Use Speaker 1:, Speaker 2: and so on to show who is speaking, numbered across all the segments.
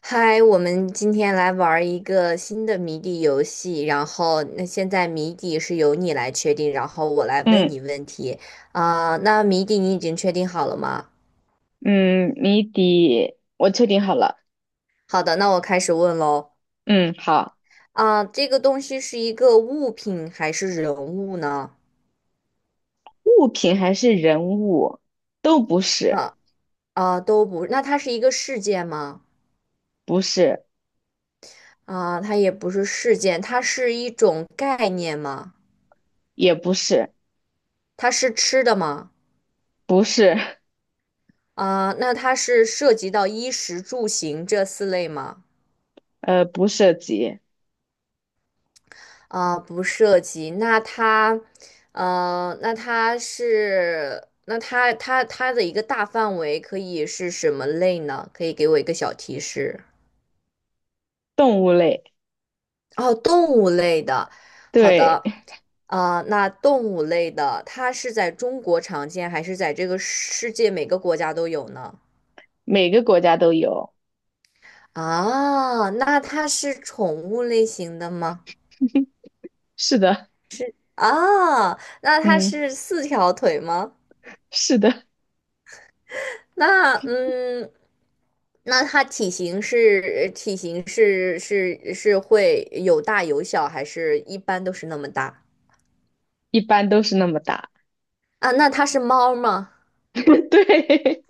Speaker 1: 嗨，我们今天来玩儿一个新的谜底游戏，然后那现在谜底是由你来确定，然后我来问
Speaker 2: 嗯
Speaker 1: 你问题。啊、那谜底你已经确定好了吗？
Speaker 2: 嗯，谜底我确定好了。
Speaker 1: 好的，那我开始问喽。
Speaker 2: 嗯，好，
Speaker 1: 啊、这个东西是一个物品还是人物呢？
Speaker 2: 物品还是人物，都不是。
Speaker 1: 啊、都不，那它是一个事件吗？
Speaker 2: 不是。
Speaker 1: 啊、它也不是事件，它是一种概念吗？
Speaker 2: 也不是。
Speaker 1: 它是吃的吗？
Speaker 2: 不是。
Speaker 1: 啊、那它是涉及到衣食住行这四类吗？
Speaker 2: 不涉及。
Speaker 1: 啊，不涉及。那它，那它是，那它的一个大范围可以是什么类呢？可以给我一个小提示。
Speaker 2: 动物类。
Speaker 1: 哦，动物类的。好
Speaker 2: 对，
Speaker 1: 的，啊，那动物类的，它是在中国常见，还是在这个世界每个国家都有呢？
Speaker 2: 每个国家都有。
Speaker 1: 啊，那它是宠物类型的吗？
Speaker 2: 是的。
Speaker 1: 啊，那它
Speaker 2: 嗯，
Speaker 1: 是四条腿吗？
Speaker 2: 是的。
Speaker 1: 那嗯，那它体型会有大有小，还是一般都是那么大？
Speaker 2: 一般都是那么大。
Speaker 1: 啊？那它是猫吗？
Speaker 2: 对，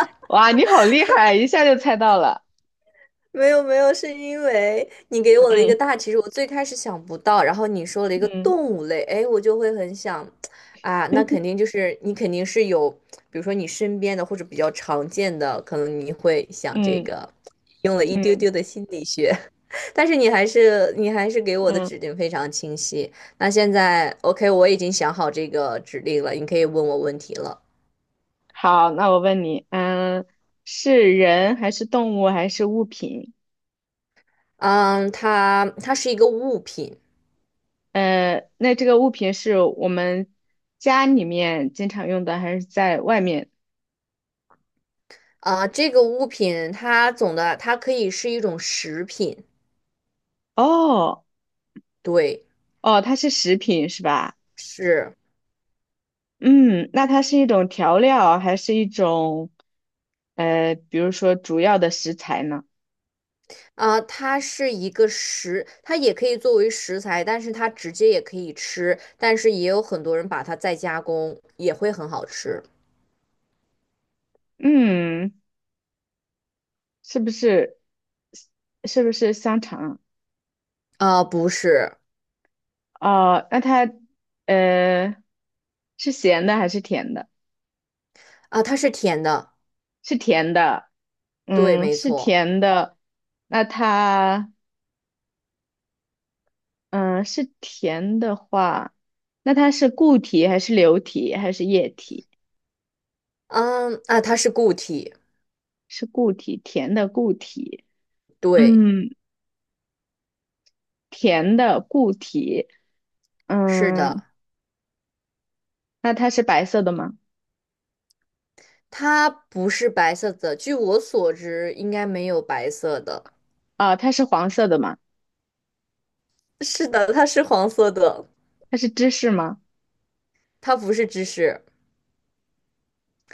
Speaker 2: 哇，你好厉害，一下就猜到了。
Speaker 1: 没有没有，是因为你给我的一个
Speaker 2: 嗯
Speaker 1: 大其实我最开始想不到，然后你说了一个
Speaker 2: 嗯
Speaker 1: 动物类，哎，我就会很想，啊，那肯定就是你肯定是有，比如说你身边的或者比较常见的，可能你会想这
Speaker 2: 嗯
Speaker 1: 个，用了一丢
Speaker 2: 嗯
Speaker 1: 丢的心理学，但是你还是给我的
Speaker 2: 嗯，
Speaker 1: 指令非常清晰。那现在 OK,我已经想好这个指令了，你可以问我问题了。
Speaker 2: 好，那我问你，是人还是动物还是物品？
Speaker 1: 嗯，它是一个物品。
Speaker 2: 那这个物品是我们家里面经常用的，还是在外面？
Speaker 1: 啊、这个物品它总的它可以是一种食品，
Speaker 2: 哦
Speaker 1: 对，
Speaker 2: 哦，它是食品是吧？
Speaker 1: 是，
Speaker 2: 嗯，那它是一种调料，还是一种比如说主要的食材呢？
Speaker 1: 啊、它是一个食，它也可以作为食材，但是它直接也可以吃，但是也有很多人把它再加工，也会很好吃。
Speaker 2: 嗯，是不是是不是香肠？
Speaker 1: 啊、不是，
Speaker 2: 啊哦，那它呃是咸的还是甜的？
Speaker 1: 啊、它是甜的，
Speaker 2: 是甜的。
Speaker 1: 对，
Speaker 2: 嗯，
Speaker 1: 没
Speaker 2: 是
Speaker 1: 错，
Speaker 2: 甜的。那它。嗯、呃是甜的话，那它是固体还是流体还是液体？
Speaker 1: 嗯，啊、它是固体，
Speaker 2: 是固体。甜的固体。
Speaker 1: 对，
Speaker 2: 嗯，甜的固体。
Speaker 1: 是
Speaker 2: 嗯，
Speaker 1: 的，
Speaker 2: 那它是白色的吗？
Speaker 1: 它不是白色的，据我所知，应该没有白色的，
Speaker 2: 啊、它是黄色的吗？
Speaker 1: 是的，它是黄色的，
Speaker 2: 它是芝士吗？
Speaker 1: 它不是芝士。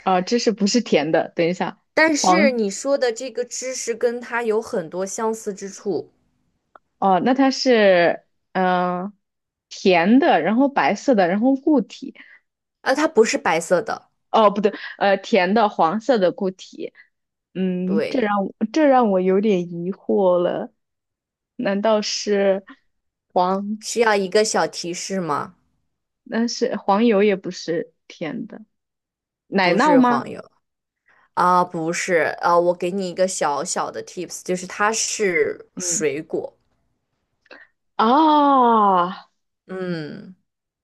Speaker 2: 啊、芝士不是甜的。等一下，
Speaker 1: 但是
Speaker 2: 黄
Speaker 1: 你说的这个知识跟它有很多相似之处，
Speaker 2: 哦，那它是嗯、呃甜的，然后白色的，然后固体。
Speaker 1: 啊，它不是白色的，
Speaker 2: 哦，不对，甜的黄色的固体，嗯，这
Speaker 1: 对，
Speaker 2: 让我有点疑惑了。难道是黄？
Speaker 1: 需要一个小提示吗？
Speaker 2: 那是黄油也不是甜的，奶
Speaker 1: 不
Speaker 2: 酪
Speaker 1: 是
Speaker 2: 吗？
Speaker 1: 黄油，啊，不是啊，我给你一个小小的 tips,就是它是
Speaker 2: 嗯，
Speaker 1: 水果，
Speaker 2: 哦
Speaker 1: 嗯，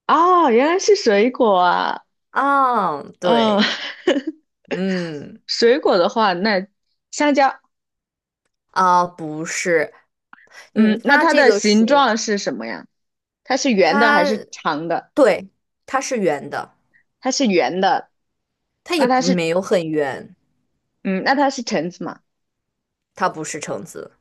Speaker 2: 哦，原来是水果啊。
Speaker 1: 啊，
Speaker 2: 嗯，
Speaker 1: 对，嗯，
Speaker 2: 水果的话，那香蕉？
Speaker 1: 啊，不是，
Speaker 2: 嗯，
Speaker 1: 嗯，
Speaker 2: 那
Speaker 1: 它
Speaker 2: 它
Speaker 1: 这
Speaker 2: 的
Speaker 1: 个
Speaker 2: 形
Speaker 1: 水，
Speaker 2: 状是什么呀？它是圆的还
Speaker 1: 它
Speaker 2: 是长的？
Speaker 1: 对，它是圆的，
Speaker 2: 它是圆的。
Speaker 1: 它
Speaker 2: 那
Speaker 1: 也
Speaker 2: 它
Speaker 1: 不
Speaker 2: 是，
Speaker 1: 没有很圆，
Speaker 2: 嗯，那它是橙子吗？
Speaker 1: 它不是橙子，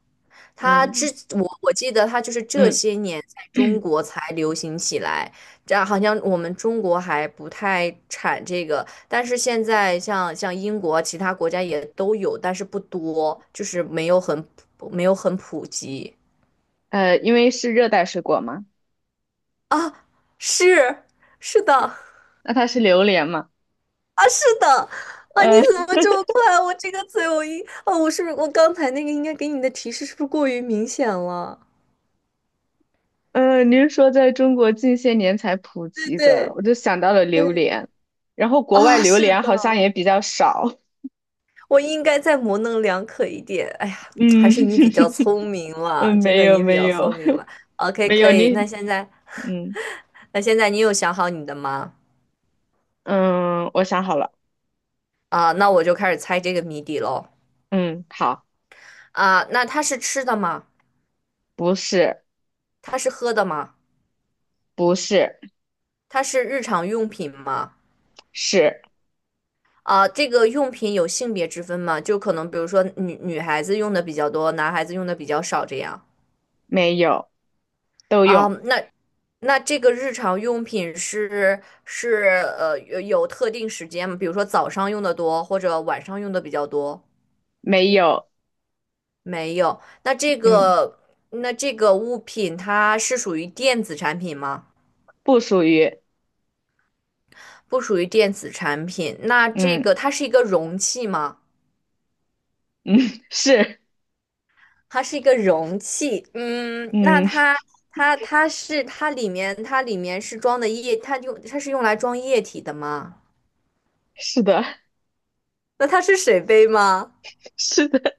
Speaker 1: 他之
Speaker 2: 嗯
Speaker 1: 我记得他就是这
Speaker 2: 嗯，
Speaker 1: 些年在中 国才流行起来，这样好像我们中国还不太产这个，但是现在像英国啊其他国家也都有，但是不多，就是没有很普及。
Speaker 2: 因为是热带水果嘛。
Speaker 1: 啊，是是的，
Speaker 2: 那它是榴莲嘛？
Speaker 1: 啊是的啊，你
Speaker 2: 呃
Speaker 1: 怎么这么快啊？我这个嘴我一哦，我是不是我刚才那个应该给你的提示是不是过于明显了？
Speaker 2: 您说在中国近些年才普
Speaker 1: 对
Speaker 2: 及的，
Speaker 1: 对
Speaker 2: 我就想到了榴
Speaker 1: 对，
Speaker 2: 莲，然后国外
Speaker 1: 啊，
Speaker 2: 榴
Speaker 1: 是
Speaker 2: 莲好像
Speaker 1: 的。
Speaker 2: 也比较少。
Speaker 1: 我应该再模棱两可一点。哎呀，还
Speaker 2: 嗯
Speaker 1: 是你比较 聪明
Speaker 2: 嗯，
Speaker 1: 了，真
Speaker 2: 没
Speaker 1: 的
Speaker 2: 有
Speaker 1: 你比
Speaker 2: 没
Speaker 1: 较
Speaker 2: 有。
Speaker 1: 聪明 了。OK,
Speaker 2: 没
Speaker 1: 可
Speaker 2: 有
Speaker 1: 以。那
Speaker 2: 你。
Speaker 1: 现在，
Speaker 2: 嗯
Speaker 1: 那现在你有想好你的吗？
Speaker 2: 嗯，我想好了。
Speaker 1: 啊，那我就开始猜这个谜底喽。
Speaker 2: 嗯，好。
Speaker 1: 啊，那它是吃的吗？
Speaker 2: 不是。
Speaker 1: 它是喝的吗？
Speaker 2: 不是。
Speaker 1: 它是日常用品吗？
Speaker 2: 是。
Speaker 1: 啊，这个用品有性别之分吗？就可能比如说女孩子用的比较多，男孩子用的比较少这样。
Speaker 2: 没有，都
Speaker 1: 啊，
Speaker 2: 用。
Speaker 1: 那那这个日常用品是有特定时间吗？比如说早上用的多，或者晚上用的比较多？
Speaker 2: 没有。
Speaker 1: 没有。
Speaker 2: 嗯，
Speaker 1: 那这个物品它是属于电子产品吗？
Speaker 2: 不属于。
Speaker 1: 不属于电子产品。那这
Speaker 2: 嗯
Speaker 1: 个它是一个容器吗？
Speaker 2: 嗯， 是。
Speaker 1: 它是一个容器。嗯，那
Speaker 2: 嗯，
Speaker 1: 它它里面是装的液，它是用来装液体的吗？
Speaker 2: 是的。
Speaker 1: 那它是水杯吗？
Speaker 2: 是的，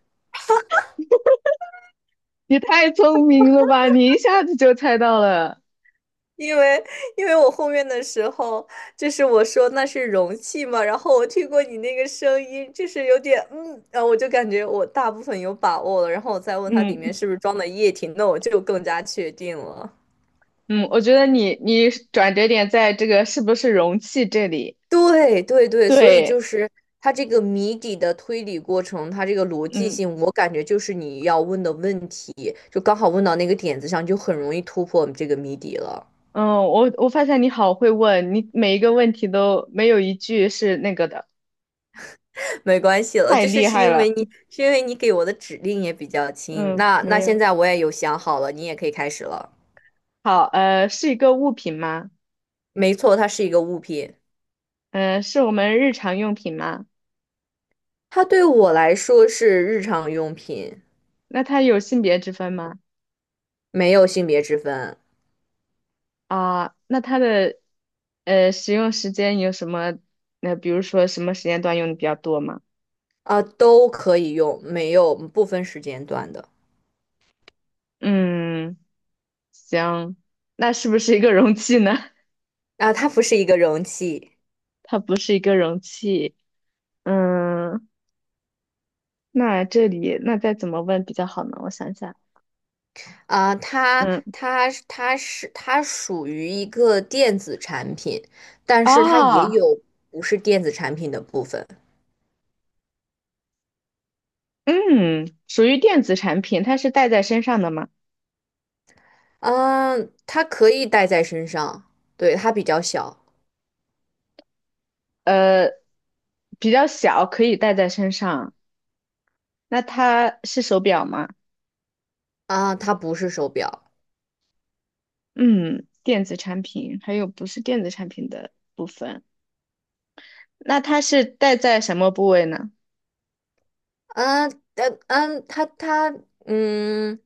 Speaker 2: 你太聪明了吧！你一下子就猜到了。
Speaker 1: 因为因为我后面的时候，就是我说那是容器嘛，然后我听过你那个声音，就是有点嗯，然后我就感觉我大部分有把握了，然后我再问它里面
Speaker 2: 嗯
Speaker 1: 是不是装的液体，那我就更加确定了。
Speaker 2: 嗯，我觉得你转折点在这个是不是容器这里？
Speaker 1: 对对对，所以就
Speaker 2: 对。
Speaker 1: 是它这个谜底的推理过程，它这个逻辑
Speaker 2: 嗯
Speaker 1: 性，我感觉就是你要问的问题，就刚好问到那个点子上，就很容易突破这个谜底了。
Speaker 2: 嗯，我发现你好会问，你每一个问题都没有一句是那个的。
Speaker 1: 没关系了，
Speaker 2: 太
Speaker 1: 就是
Speaker 2: 厉
Speaker 1: 是
Speaker 2: 害
Speaker 1: 因为
Speaker 2: 了。
Speaker 1: 你是因为你给我的指令也比较轻。
Speaker 2: 嗯，
Speaker 1: 那
Speaker 2: 没
Speaker 1: 那现
Speaker 2: 有。
Speaker 1: 在我也有想好了，你也可以开始了。
Speaker 2: 好，是一个物品吗？
Speaker 1: 没错，它是一个物品，
Speaker 2: 是我们日常用品吗？
Speaker 1: 它对我来说是日常用品，
Speaker 2: 那它有性别之分吗？
Speaker 1: 没有性别之分，
Speaker 2: 啊，那它的使用时间有什么？那比如说什么时间段用的比较多吗？
Speaker 1: 啊，都可以用，没有不分时间段的。
Speaker 2: 嗯，行，那是不是一个容器呢？
Speaker 1: 啊。它不是一个容器，
Speaker 2: 它不是一个容器。嗯，那这里那再怎么问比较好呢？我想想。
Speaker 1: 啊，它
Speaker 2: 嗯，
Speaker 1: 它属于一个电子产品，但是它也
Speaker 2: 哦，
Speaker 1: 有不是电子产品的部分。
Speaker 2: 嗯，属于电子产品，它是带在身上的吗？
Speaker 1: 嗯，它可以戴在身上，对，它比较小，
Speaker 2: 呃，比较小，可以带在身上。那它是手表吗？
Speaker 1: 啊，它不是手表，
Speaker 2: 嗯，电子产品还有不是电子产品的部分，那它是戴在什么部位呢？
Speaker 1: 啊，嗯但嗯，它它嗯，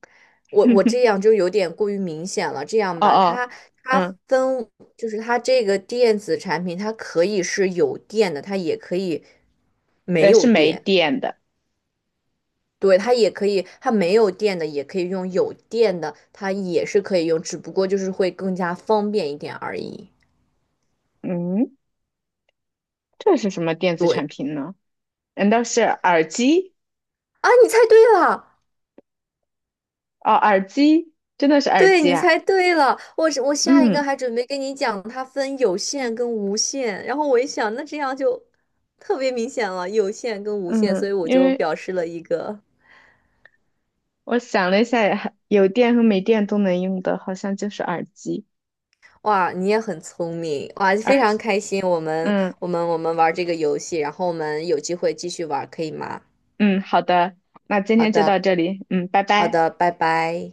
Speaker 1: 我这 样就有点过于明显了，这样
Speaker 2: 哦
Speaker 1: 吧，
Speaker 2: 哦。
Speaker 1: 它它
Speaker 2: 嗯，
Speaker 1: 分就是它这个电子产品，它可以是有电的，它也可以没
Speaker 2: 是
Speaker 1: 有
Speaker 2: 没
Speaker 1: 电，
Speaker 2: 电的。
Speaker 1: 对，它也可以，它没有电的也可以用，有电的它也是可以用，只不过就是会更加方便一点而已。
Speaker 2: 嗯，这是什么电子产
Speaker 1: 对，
Speaker 2: 品呢？难道是耳机？
Speaker 1: 啊，你猜对了。
Speaker 2: 哦，耳机，真的是耳
Speaker 1: 对，
Speaker 2: 机
Speaker 1: 你
Speaker 2: 啊。
Speaker 1: 猜对了，我是我下一个
Speaker 2: 嗯
Speaker 1: 还准备跟你讲，它分有限跟无限，然后我一想，那这样就特别明显了，有限跟无限，所以
Speaker 2: 嗯，
Speaker 1: 我
Speaker 2: 因
Speaker 1: 就
Speaker 2: 为
Speaker 1: 表示了一个，
Speaker 2: 我想了一下，有电和没电都能用的，好像就是耳机。
Speaker 1: 哇，你也很聪明，哇，
Speaker 2: 耳
Speaker 1: 非常
Speaker 2: 机。
Speaker 1: 开心，我们
Speaker 2: 嗯
Speaker 1: 我们我们玩这个游戏，然后我们有机会继续玩，可以吗？
Speaker 2: 嗯，好的。那今
Speaker 1: 好
Speaker 2: 天就到
Speaker 1: 的，
Speaker 2: 这里，嗯，拜
Speaker 1: 好
Speaker 2: 拜。
Speaker 1: 的，拜拜。